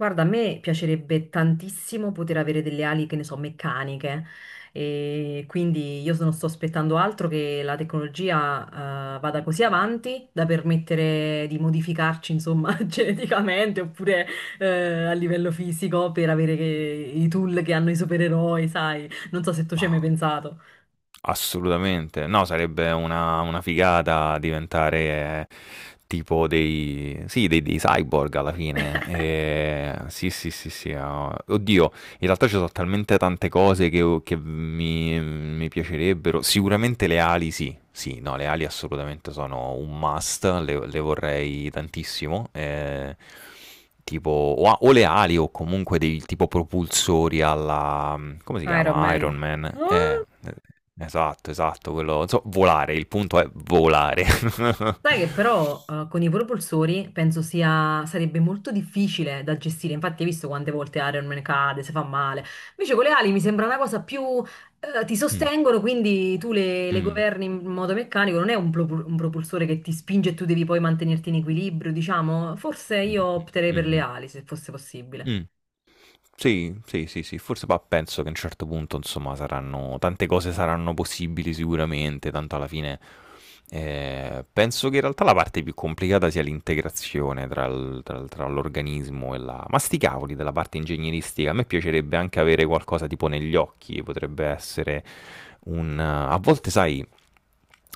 Guarda, a me piacerebbe tantissimo poter avere delle ali, che ne so, meccaniche. E quindi io non sto aspettando altro che la tecnologia, vada così avanti da permettere di modificarci, insomma, geneticamente oppure, eh, a livello fisico per avere i tool che hanno i supereroi, sai? Non so se tu ci hai mai Ma pensato. assolutamente, no, sarebbe una figata diventare tipo dei, sì, dei cyborg alla fine. Sì, sì, sì, sì. Ah, oddio, in realtà ci sono talmente tante cose che mi piacerebbero. Sicuramente le ali, sì. Sì, no, le ali assolutamente sono un must, le vorrei tantissimo. Tipo, o, o le ali o comunque dei tipo propulsori alla... Come si Iron chiama? Man. Iron Man. Ah! Esatto, esatto, quello... Volare, il punto è volare. Sai che però con i propulsori penso sia, sarebbe molto difficile da gestire, infatti hai visto quante volte Iron Man cade, se fa male, invece con le ali mi sembra una cosa più, ti Mm, sostengono, quindi tu le mm, governi in modo meccanico, non è un propulsore che ti spinge e tu devi poi mantenerti in equilibrio, diciamo, forse mm, io opterei per mm, le mm, ali se fosse possibile. mm. Sì, sì, sì, sì, forse poi penso che a un certo punto, insomma, saranno, tante cose saranno possibili sicuramente, tanto alla fine penso che in realtà la parte più complicata sia l'integrazione tra, tra l'organismo e la... Ma sti cavoli della parte ingegneristica, a me piacerebbe anche avere qualcosa tipo negli occhi, potrebbe essere un... A volte, sai,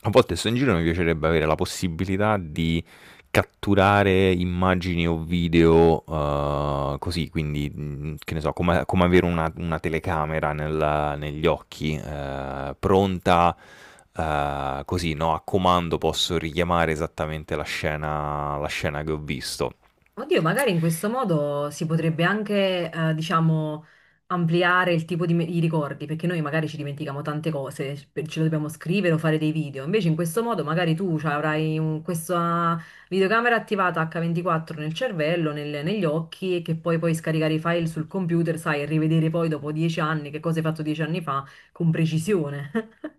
a volte sto in giro mi piacerebbe avere la possibilità di catturare immagini o video così, quindi che ne so, come, come avere una telecamera negli occhi, pronta così, no? A comando posso richiamare esattamente la scena che ho visto. Oddio, magari in questo modo si potrebbe anche, diciamo, ampliare il tipo di, i ricordi, perché noi magari ci dimentichiamo tante cose, ce lo dobbiamo scrivere o fare dei video. Invece in questo modo magari tu cioè, avrai questa videocamera attivata H24 nel cervello, negli occhi, e che poi puoi scaricare i file sul computer, sai, e rivedere poi dopo 10 anni che cosa hai fatto 10 anni fa con precisione.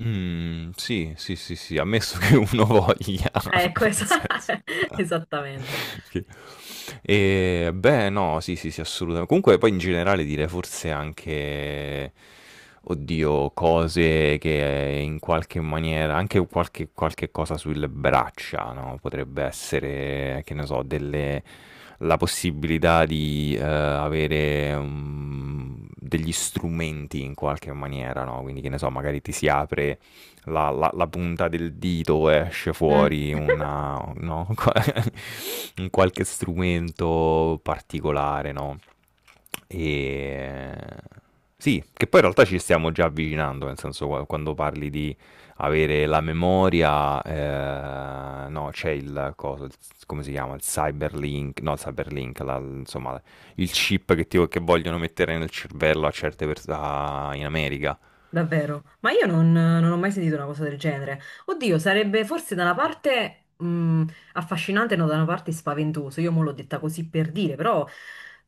Sì, sì, sì, sì, ammesso che uno voglia. Ecco, Nel senso. esattamente. Sì. E, beh, no, sì, sì, sì, assolutamente. Comunque poi in generale dire forse anche, oddio, cose che in qualche maniera, anche qualche cosa sulle braccia, no? Potrebbe essere, che ne so, delle, la possibilità di avere degli strumenti in qualche maniera, no? Quindi, che ne so, magari ti si apre la punta del dito esce fuori Mm. una, no? Un qualche strumento particolare, no? E... Sì, che poi in realtà ci stiamo già avvicinando, nel senso quando parli di avere la memoria, no, c'è il cosa, come si chiama? Il cyberlink, no, il cyberlink, insomma, il chip che vogliono mettere nel cervello a certe persone in America. Davvero, ma io non ho mai sentito una cosa del genere. Oddio, sarebbe forse da una parte affascinante, no, da una parte spaventoso. Io mo l'ho detta così per dire, però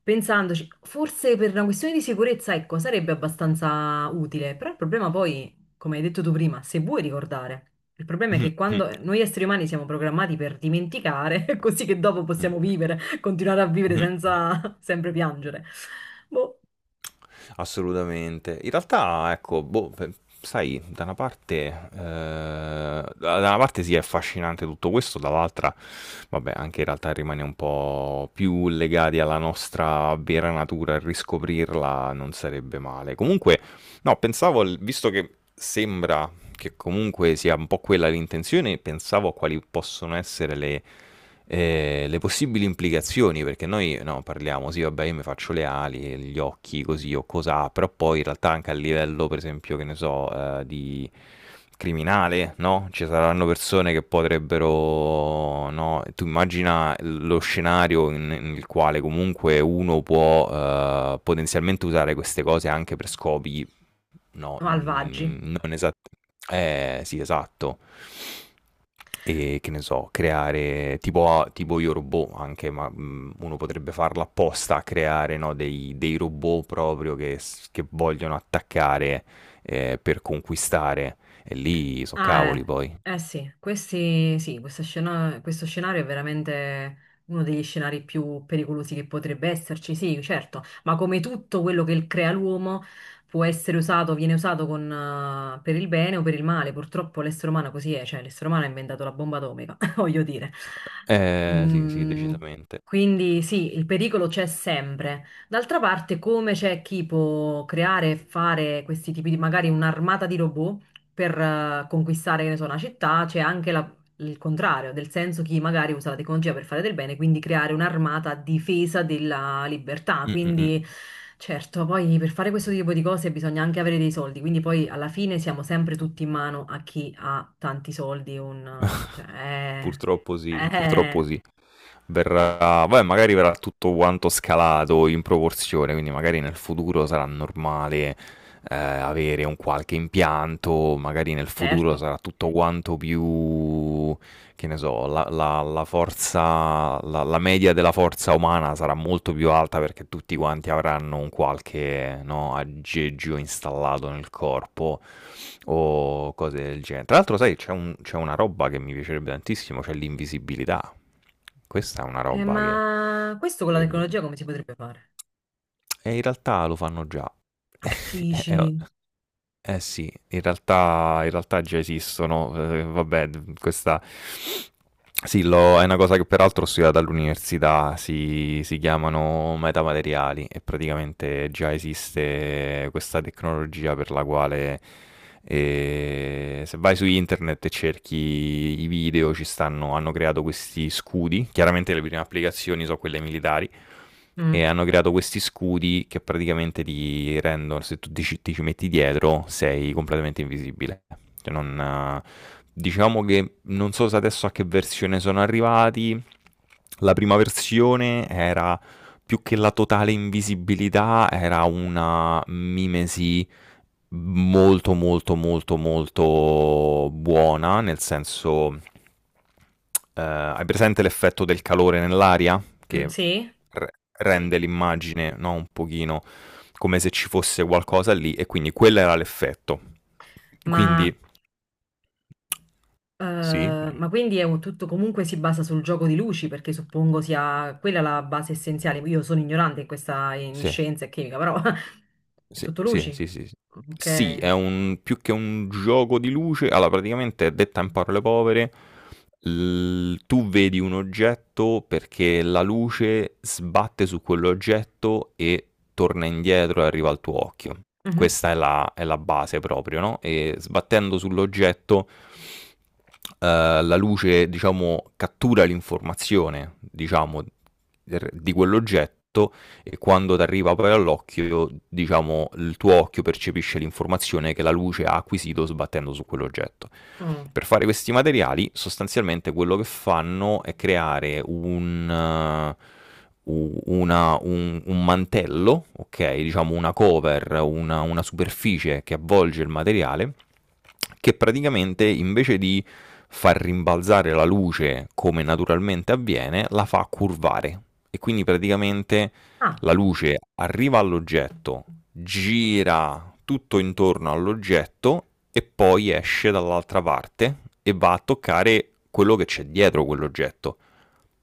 pensandoci, forse per una questione di sicurezza, ecco, sarebbe abbastanza utile. Però il problema poi, come hai detto tu prima, se vuoi ricordare, il problema è che quando noi esseri umani siamo programmati per dimenticare, così che dopo possiamo vivere, continuare a vivere Mh-mh. senza sempre piangere. Boh, Assolutamente. In realtà ecco, boh, pe sai, da una parte ehm, da una parte sì, è affascinante tutto questo, dall'altra vabbè, anche in realtà rimane un po' più legati alla nostra vera natura e riscoprirla non sarebbe male. Comunque no, pensavo al visto che sembra che comunque sia un po' quella l'intenzione, pensavo a quali possono essere le possibili implicazioni, perché noi no, parliamo, sì, vabbè, io mi faccio le ali, gli occhi, così o cos'ha, però poi in realtà anche a livello, per esempio, che ne so, di criminale, no? Ci saranno persone che potrebbero, no? Tu immagina lo scenario nel quale comunque uno può potenzialmente usare queste cose anche per scopi No, malvagi. mhmm, non esa sì, esatto. Che ne so, creare tipo a tipo io robot anche, ma, mhmm, uno potrebbe farlo apposta, creare, no, dei robot proprio che vogliono attaccare, per conquistare. E lì so' Ah, cavoli poi. Eh sì, questi, sì, questo scenario è veramente uno degli scenari più pericolosi che potrebbe esserci, sì, certo, ma come tutto quello che crea l'uomo può essere usato, viene usato con, per il bene o per il male, purtroppo l'essere umano così è, cioè l'essere umano ha inventato la bomba atomica, voglio dire. Sì, sì, Mm, decisamente. quindi sì, il pericolo c'è sempre. D'altra parte, come c'è chi può creare e fare questi tipi di, magari un'armata di robot, per conquistare, che ne so, una città, c'è anche il contrario, nel senso chi magari usa la tecnologia per fare del bene, quindi creare un'armata a difesa della libertà. Mh, mh, mh. Quindi, certo, poi per fare questo tipo di cose bisogna anche avere dei soldi, quindi poi alla fine siamo sempre tutti in mano a chi ha tanti soldi, cioè, Purtroppo sì, purtroppo eh, sì. Verrà, vabbè, magari verrà tutto quanto scalato in proporzione, quindi magari nel futuro sarà normale avere un qualche impianto, magari nel futuro certo. sarà tutto quanto più, che ne so, la forza, la, la media della forza umana sarà molto più alta perché tutti quanti avranno un qualche, no, aggeggio installato nel corpo o cose del genere. Tra l'altro, sai, c'è una roba che mi piacerebbe tantissimo, c'è l'invisibilità. Questa è una Eh, roba che ma questo con la sarebbe tecnologia come si potrebbe fare? e in realtà lo fanno già. Che o dici? eh sì, in realtà già esistono, vabbè d questa sì, l'ho è una cosa che peraltro ho studiato all'università, si chiamano metamateriali e praticamente già esiste questa tecnologia per la quale, se vai su internet e cerchi i video ci stanno hanno creato questi scudi, chiaramente le prime applicazioni so' quelle militari e Mm, hanno creato questi scudi che praticamente ti rendono, se tu ti, ci metti dietro, sei completamente invisibile. Cioè non, eh, diciamo che non so se adesso a che versione sono arrivati. La prima versione era più che la totale invisibilità, era una mimesi molto buona, nel senso hai presente l'effetto del calore nell'aria? mm, Che sì, re- sì. rende l'immagine, no, un pochino come se ci fosse qualcosa lì e quindi quello era l'effetto. Ma Quindi Eh, sì, dimmi. ma quindi è un tutto comunque si basa sul gioco di luci, perché suppongo sia quella la base essenziale. Io sono ignorante in Sì. scienza e chimica, però è Sì, tutto sì, luci. sì, sì, sì. Sì, Ok. è un più che un gioco di luce, allora praticamente detta in parole povere, l tu vedi un oggetto perché la luce sbatte su quell'oggetto e torna indietro e arriva Mm. al tuo occhio. Mhm. Questa è la base proprio, no, e sbattendo sull'oggetto la luce diciamo cattura l'informazione, diciamo, er di quell'oggetto e quando ti arriva poi all'occhio, diciamo, il tuo occhio percepisce l'informazione che la luce ha acquisito sbattendo su quell'oggetto. Mm. Per fare questi materiali, sostanzialmente quello che fanno è creare un, un mantello, ok? Diciamo una cover, una superficie che avvolge il materiale, che praticamente invece di far rimbalzare la luce come naturalmente avviene, la fa curvare. E quindi praticamente Ah, la luce arriva all'oggetto, gira tutto intorno all'oggetto e poi esce dall'altra parte e va a toccare quello che c'è dietro quell'oggetto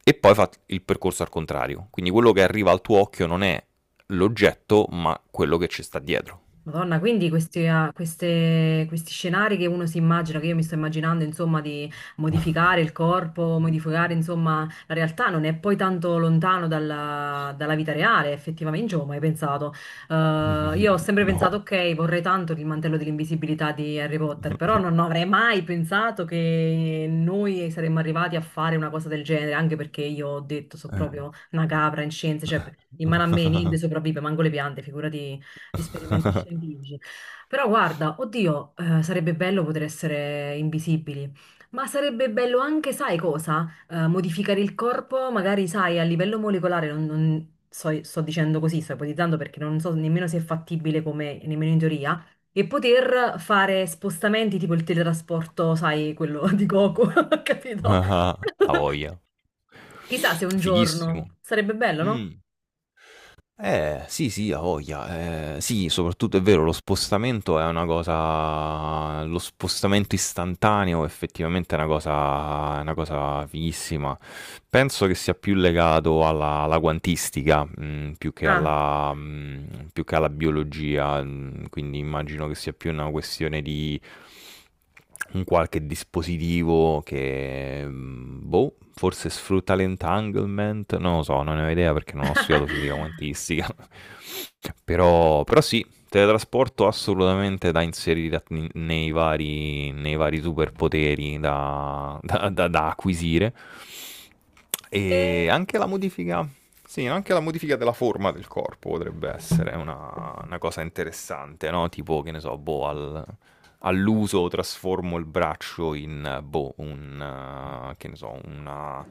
e poi fa il percorso al contrario. Quindi quello che arriva al tuo occhio non è l'oggetto, ma quello che ci sta dietro. Madonna, quindi questi, ah, questi scenari che uno si immagina, che io mi sto immaginando, insomma, di modificare il corpo, modificare, insomma, la realtà non è poi tanto lontano dalla vita reale, effettivamente, io non ci avevo mai pensato. Io ho sempre pensato, No. ok, vorrei tanto il mantello dell'invisibilità di Harry Potter, però non avrei mai pensato che noi saremmo arrivati a fare una cosa del genere, anche perché io ho detto, sono proprio una capra in scienze, cioè in mano a me niente sopravvive, manco le piante, figurati Experimentation Village. Però guarda, oddio, sarebbe bello poter essere invisibili, ma sarebbe bello anche, sai cosa? Modificare il corpo, magari, sai, a livello molecolare, non, sto dicendo così, sto ipotizzando perché non so nemmeno se è fattibile come, nemmeno in teoria, e poter fare spostamenti tipo il teletrasporto, sai, quello di Goku, capito? A voglia. Chissà se un Fighissimo. giorno sarebbe bello, no? Mm. Sì, sì, a voglia. Sì, soprattutto è vero, lo spostamento è una cosa. Lo spostamento istantaneo effettivamente è una cosa fighissima. Penso che sia più legato alla, alla quantistica, mm, più che Ah. alla, mm, più che alla biologia, mm, quindi immagino che sia più una questione di un qualche dispositivo che, mm, boh, forse sfrutta l'entanglement, non lo so, non ne ho idea perché non ho studiato fisica quantistica, però, però sì, teletrasporto assolutamente da inserire nei vari superpoteri da, da acquisire. E... E anche la modifica, sì, anche la modifica della forma del corpo potrebbe essere una cosa interessante, no? Tipo, che ne so, boh, al all'uso trasformo il braccio in, boh, un, che ne so, una,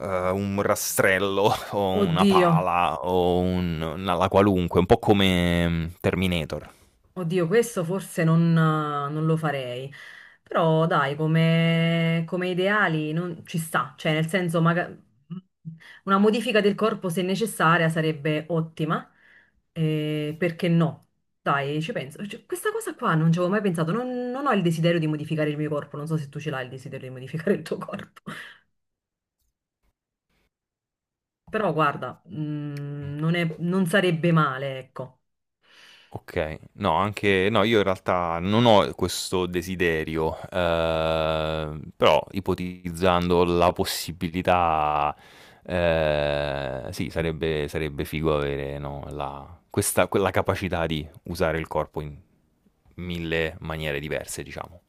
un rastrello o una Oddio. pala o un, una la qualunque, un po' come Terminator. Oddio, questo forse non lo farei, però dai, come ideali non, ci sta, cioè nel senso una modifica del corpo se necessaria sarebbe ottima, perché no? Dai, ci penso. Cioè, questa cosa qua non ci avevo mai pensato, non ho il desiderio di modificare il mio corpo, non so se tu ce l'hai il desiderio di modificare il tuo corpo, però guarda, non sarebbe male, ecco. Okay. No, anche no, io in realtà non ho questo desiderio, però ipotizzando la possibilità, sì, sarebbe figo avere, no, la questa quella capacità di usare il corpo in 1000 maniere diverse, diciamo.